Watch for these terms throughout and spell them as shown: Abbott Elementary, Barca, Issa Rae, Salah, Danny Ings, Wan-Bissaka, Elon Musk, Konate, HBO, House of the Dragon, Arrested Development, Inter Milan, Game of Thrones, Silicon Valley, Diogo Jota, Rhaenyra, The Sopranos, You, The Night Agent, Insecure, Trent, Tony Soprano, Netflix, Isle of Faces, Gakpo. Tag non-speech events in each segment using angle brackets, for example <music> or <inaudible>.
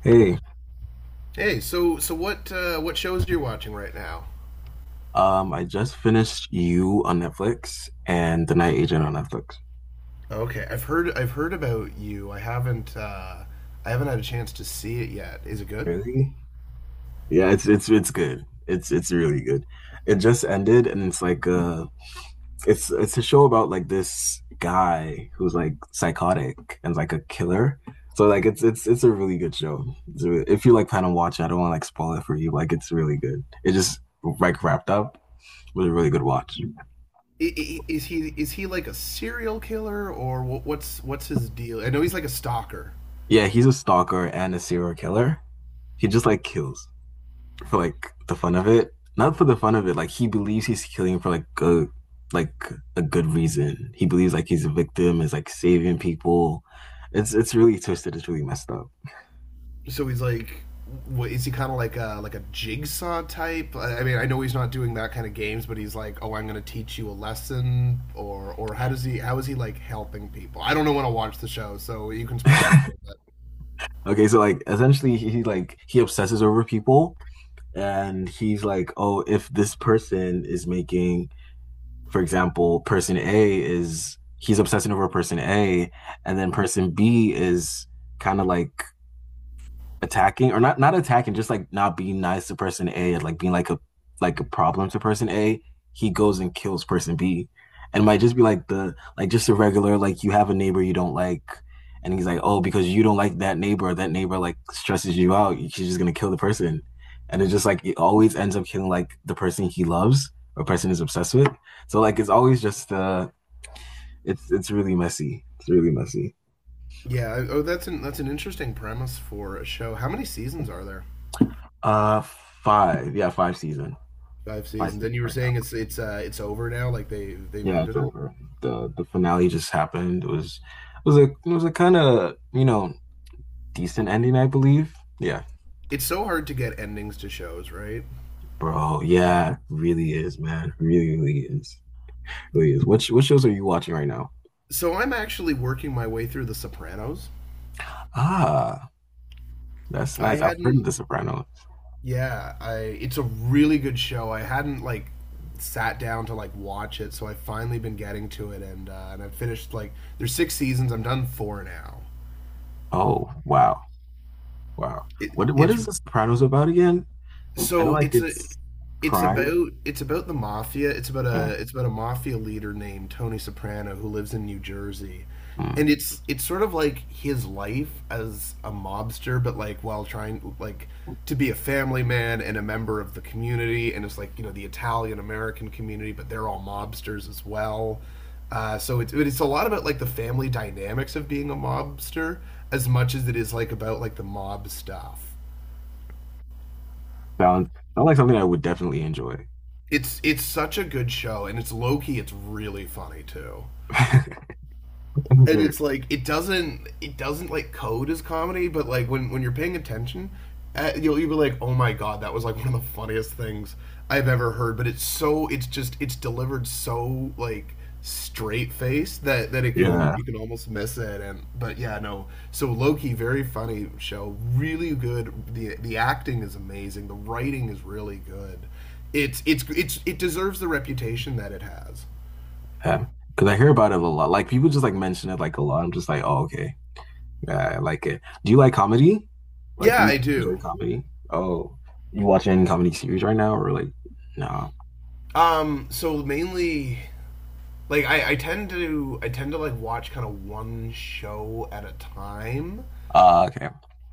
Hey, Hey, so what shows are you watching right now? I just finished You on Netflix and The Night Agent on Netflix. Okay, I've heard about you. I haven't had a chance to see it yet. Is it good? Really? Yeah, it's good. It's really good. It just ended and it's like it's a show about like this guy who's like psychotic and like a killer. So like it's a really good show. It's really- if you like plan on watching, I don't want to like spoil it for you. Like it's really good. It just like wrapped up with a really good watch. Is he like a serial killer or what's his deal? I know he's like a stalker. Yeah, he's a stalker and a serial killer. He just like kills for like the fun of it. Not for the fun of it. Like he believes he's killing for like a good reason. He believes like he's a victim, is like saving people. It's really twisted. It's really messed up. So he's like, what, is he kind of like a jigsaw type? I mean, I know he's not doing that kind of games, but he's like, oh, I'm going to teach you a lesson, or how does he how is he like helping people? I don't know when to watch the show, so you can spoil it a little <laughs> bit. Okay, so like essentially like he obsesses over people and he's like, "Oh, if this person is making for example, person A is he's obsessing over person A, and then person B is kind of like attacking or not attacking, just like not being nice to person A, or like being like a problem to person A, he goes and kills person B." And it might just be like the like just a regular like you have a neighbor you don't like and he's like, oh, because you don't like that neighbor, that neighbor like stresses you out, she's just gonna kill the person. And it's just like it always ends up killing like the person he loves or person is obsessed with. So like it's always just it's really messy. It's really messy. Yeah. Oh, that's an interesting premise for a show. How many seasons are there? Uh five. Yeah, five season. Five Five seasons. season And you were right now. saying it's it's over now. Like they've Yeah, it's ended it. over. The finale just happened. It was it was a kind of, you know, decent ending, I believe. Yeah. It's so hard to get endings to shows, right? Bro, yeah, really is, man. Really, really is. Really is. What what shows are you watching right now? So I'm actually working my way through The Sopranos. Ah, that's I nice. I've heard of hadn't. The Sopranos. Yeah. I. It's a really good show. I hadn't like sat down to like watch it, so I've finally been getting to it, and I've finished like there's six seasons. I'm done four now. Oh, wow. Wow. It, What it's is The Sopranos about again? I know so like it's a it's it's crime. about the mafia. It's about Mm, a it's about a mafia leader named Tony Soprano who lives in New Jersey. And mm. it's sort of like his life as a mobster but like while trying like to be a family man and a member of the community and it's like, you know, the Italian American community, but they're all mobsters as well. So it's a lot about like the family dynamics of being a mobster as much as it is like about like the mob stuff. Sounds sounds like something I would definitely enjoy. It's such a good show, and it's low key. It's really funny too, <laughs> and it's like it doesn't like code as comedy, but like when you're paying attention, you'll be like, oh my god, that was like <laughs> one of the funniest things I've ever heard. But it's so it's just it's delivered so like straight face that it can Yeah. you can almost miss it. And but yeah, no, so Loki, very funny show, really good, the acting is amazing, the writing is really good. It's it's it deserves the reputation that it has. Yeah. Because I hear about it a lot. Like people just like mention it like a lot. I'm just like, oh, okay. Yeah, I like it. Do you like comedy? Like, do Yeah, you I enjoy do. comedy? Oh, you watch any comedy series right now or like no? So mainly, like I tend to like watch kind of one show at a time. Ah, okay.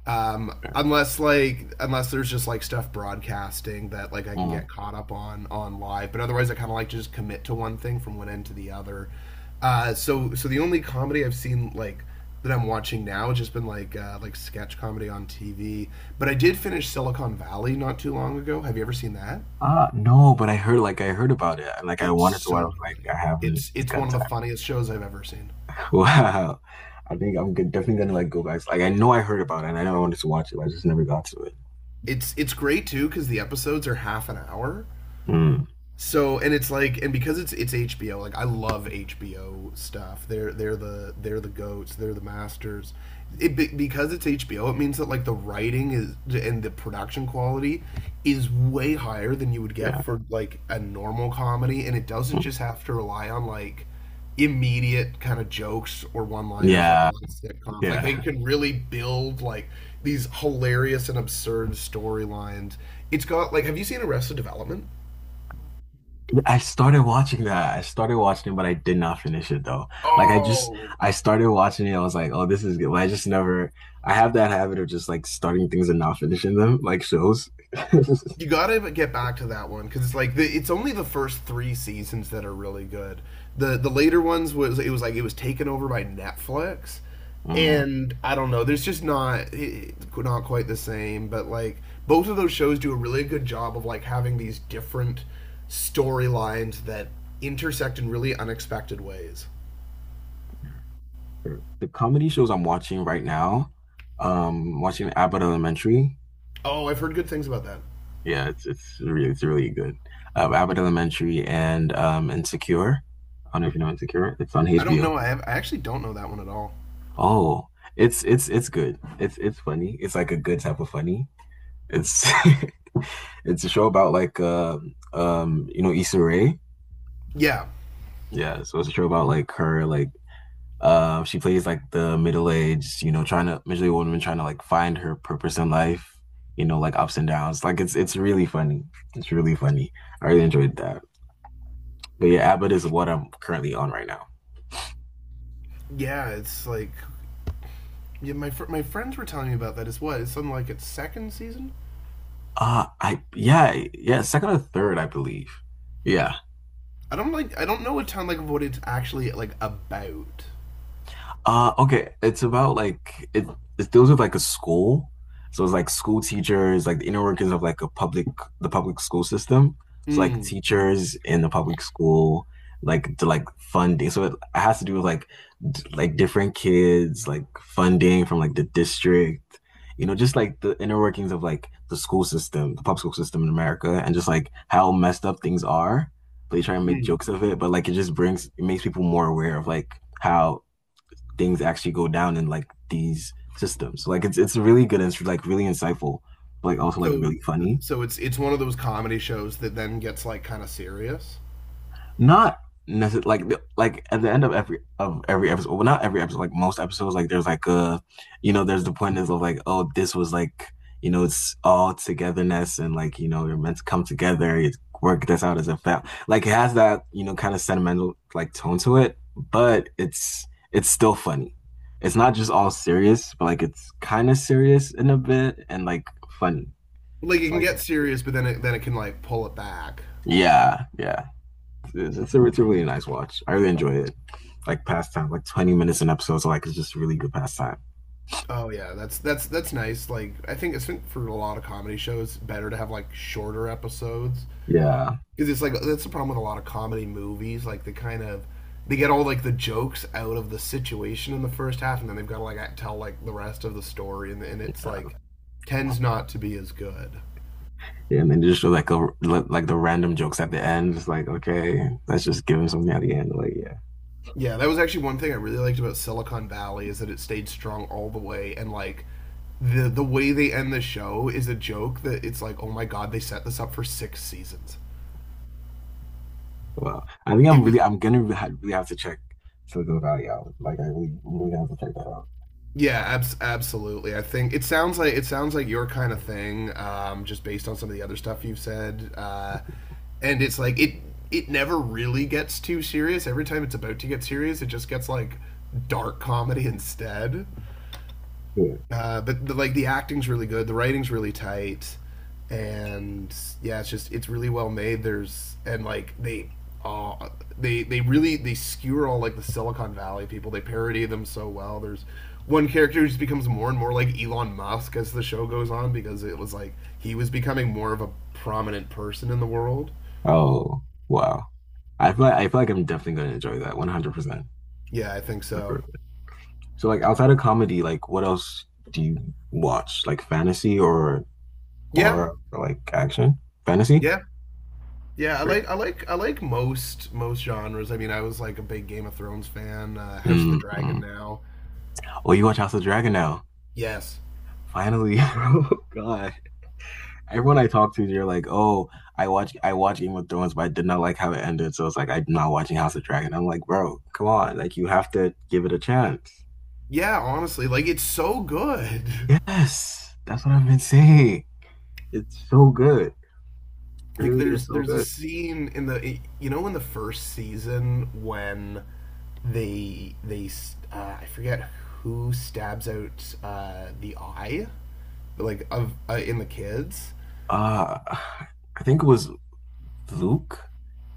Yeah. Unless like unless there's just like stuff broadcasting that like I can Mm. get caught up on live, but otherwise I kind of like to just commit to one thing from one end to the other. So the only comedy I've seen like that I'm watching now has just been like sketch comedy on TV. But I did finish Silicon Valley not too long ago. Have you ever seen that? Ah, no, but I heard like I heard about it and like I It's wanted to watch. I so was like, funny. I haven't It's one got of the time. funniest shows I've ever seen. <laughs> Wow. I think I'm good, definitely gonna like go back. Like I know I heard about it and I know I wanted to watch it, but I just never got to it. It's great too because the episodes are half an hour, Mm. so. And it's like, and because it's HBO, like I love HBO stuff. They're the goats. They're the masters. It, because it's HBO, it means that like the writing is and the production quality is way higher than you would get Yeah. for like a normal comedy, and it doesn't Mm. just have to rely on like immediate kind of jokes or one-liners like a Yeah. lot of sitcoms. Like Yeah. they can really build like these hilarious and absurd storylines. It's got like, have you seen Arrested Development? I started watching that. I started watching it, but I did not finish it though. Like I just Oh, I started watching it. I was like, oh, this is good. But I just never I have that habit of just like starting things and not finishing them, like shows. <laughs> you gotta get back to that one because it's like the, it's only the first three seasons that are really good. The later ones was, it was like it was taken over by Netflix, Mm. and I don't know. There's just not it, not quite the same. But like both of those shows do a really good job of like having these different storylines that intersect in really unexpected ways. The comedy shows I'm watching right now, watching Abbott Elementary. Oh, I've heard good things about that. Yeah, it's really it's really good. Abbott Elementary and Insecure. I don't know if you know Insecure. It's on I don't HBO. know. I have, I actually don't know that one at all. Oh, it's good. It's funny. It's like a good type of funny. It's <laughs> it's a show about like you know Issa Rae. Yeah, Yeah, so it's a show about like her like she plays like the middle aged, you know, trying to middle aged woman trying to like find her purpose in life. You know, like ups and downs. Like it's really funny. It's really funny. I really enjoyed that. But yeah, Abbott is what I'm currently on right now. yeah. It's like, yeah, my my friends were telling me about that. It's what, it's something like its second season. I yeah yeah second or third I believe. Yeah. I don't like, I don't know a ton like of what it's actually like about. Okay, it's about like it deals with like a school. So it's like school teachers, like the inner workings of like a public the public school system. So like Mm. teachers in the public school, like to like funding. So it has to do with like d like different kids, like funding from like the district, you know, just like the inner workings of like the school system, the public school system in America, and just like how messed up things are. They try and make Mm. jokes of it, but like it just brings it makes people more aware of like how things actually go down in like these systems. Like it's really good and it's like really insightful, but like also like So really funny. so it's one of those comedy shows that then gets like kind of serious. Not necessarily like at the end of every episode, well, not every episode, like most episodes, like there's like a, you know, there's the point is of like, oh, this was like, you know, it's all togetherness and like, you know, you're meant to come together, you work this out as a family. Like it has that, you know, kind of sentimental like tone to it, but it's still funny. It's not just all serious, but like it's kind of serious in a bit and like funny. Like it It's can like, get it's, serious, but then it can like pull it back. yeah, yeah. It's a really nice watch. I really enjoy it. Like pastime, like 20 minutes an episode, so like it's just really good pastime. Oh yeah, that's that's nice. Like I think it's for a lot of comedy shows better to have like shorter episodes, Yeah. because it's like that's the problem with a lot of comedy movies. Like they kind of, they get all like the jokes out of the situation in the first half, and then they've got to like tell like the rest of the story, and it's Yeah. like tends not to be as good. Yeah. And then just show like a, like the random jokes at the end. It's like, okay, let's just give him something at the end. Like, yeah. Yeah, that was actually one thing I really liked about Silicon Valley is that it stayed strong all the way, and like the way they end the show is a joke that it's like, oh my god, they set this up for six seasons. Well, I think It I'm was. really, I'm gonna really really have to check Silicon Valley out. Like, I really, really have to check that out. Yeah, absolutely. I think it sounds like, it sounds like your kind of thing, just based on some of the other stuff you've said. And it's like it never really gets too serious. Every time it's about to get serious, it just gets like dark comedy instead. Yeah. But the, like the acting's really good, the writing's really tight, and yeah, it's just it's really well made. There's, and like they uh, they really, they skewer all like the Silicon Valley people. They parody them so well. There's one character who just becomes more and more like Elon Musk as the show goes on, because it was like he was becoming more of a prominent person in the world. Oh, wow. I feel like I'm definitely gonna enjoy that 100%. Yeah, I think so. So like outside of comedy, like what else do you watch? Like fantasy or Yeah, horror or like action? Fantasy? yeah, yeah. I Sorry. like I like I like most most genres. I mean, I was like a big Game of Thrones fan, House of the Mm, Dragon mm. now. Oh, you watch House of Dragon now. Yes. Finally. <laughs> Oh God. Everyone I talk to, they're like, oh, I watch Game of Thrones, but I did not like how it ended. So it's like I'm not watching House of Dragon. I'm like, bro, come on. Like you have to give it a chance. Yeah, honestly, like it's so good. <laughs> Yes. That's what I've been saying. It's so good. It Like really is there's so there's a good. scene in the, you know, in the first season when I forget who stabs out the eye, like of in the kids. Uh, I think it was Luke.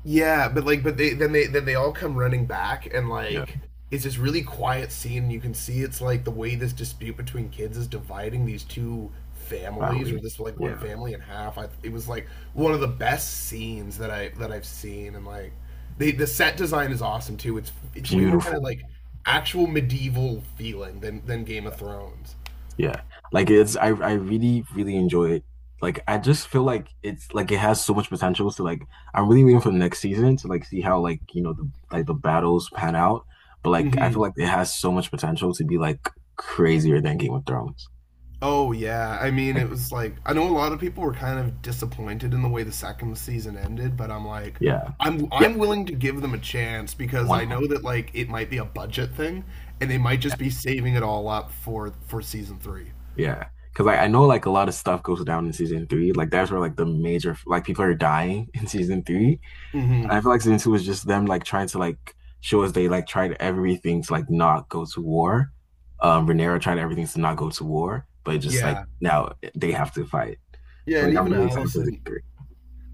Yeah, but like, but they, then they all come running back, and Yeah. like, it's this really quiet scene. You can see it's like the way this dispute between kids is dividing these two families, or Families. this like one Yeah. family in half. I, it was like one of the best scenes that I've seen, and like, they, the set design is awesome too. It's way more kind of Beautiful. like actual medieval feeling than Game of Thrones. Yeah. Like it's I really, really enjoy it. Like I just feel like it's like it has so much potential. So like I'm really waiting for the next season to like see how like you know the like the battles pan out. But like I hmm feel like it has so much potential to be like crazier than Game of Thrones. Oh yeah, I mean Like it was like, I know a lot of people were kind of disappointed in the way the second season ended, but I'm like, yeah. I'm Yeah. I'm willing to give them a chance because One I hundred. know that like it might be a budget thing, and they might just be saving it all up for season 3. Yeah. Cause like I know like a lot of stuff goes down in season three. Like that's where like the major like people are dying <laughs> in season three. Mhm. I feel like season two was just them like trying to like show us they like tried everything to like not go to war. Rhaenyra tried everything to not go to war, but just like Yeah. now they have to fight. Yeah, So and like I'm even really excited for the Allison three.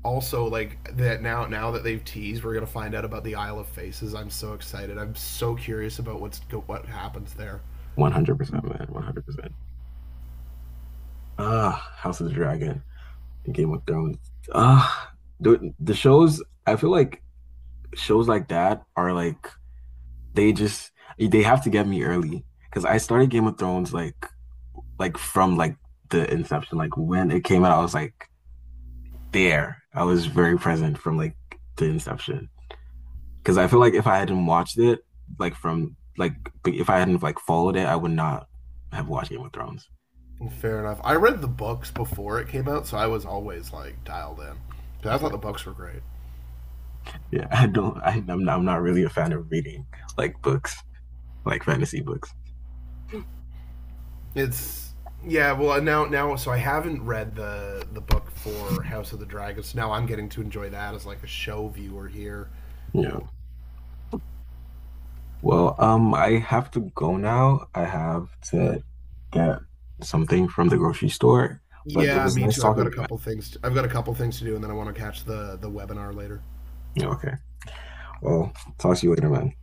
also, like that, now that they've teased, we're going to find out about the Isle of Faces. I'm so excited. I'm so curious about what happens there. 100%, man. 100%. Ah, House of the Dragon and Game of Thrones. Ah, the shows. I feel like shows like that are like they just they have to get me early because I started Game of Thrones like from like the inception, like when it came out, I was like there. I was very present from like the inception because I feel like if I hadn't watched it, like from like if I hadn't like followed it, I would not have watched Game of Thrones. Fair enough. I read the books before it came out, so I was always like dialed in. I So, thought the books were great. yeah, <laughs> I don't. Am not, I'm not really a fan of reading like books, like fantasy books. It's, yeah. Well, now so I haven't read the book for House of the Dragons. Now I'm getting to enjoy that as like a show viewer here. Yeah. Well, I have to go now. I have to get something from the grocery store. But it Yeah, was me nice too. I've got talking a to you, man. couple things. To, I've got a couple things to do, and then I want to catch the webinar later. Yeah, okay. Well, talk to you later, man.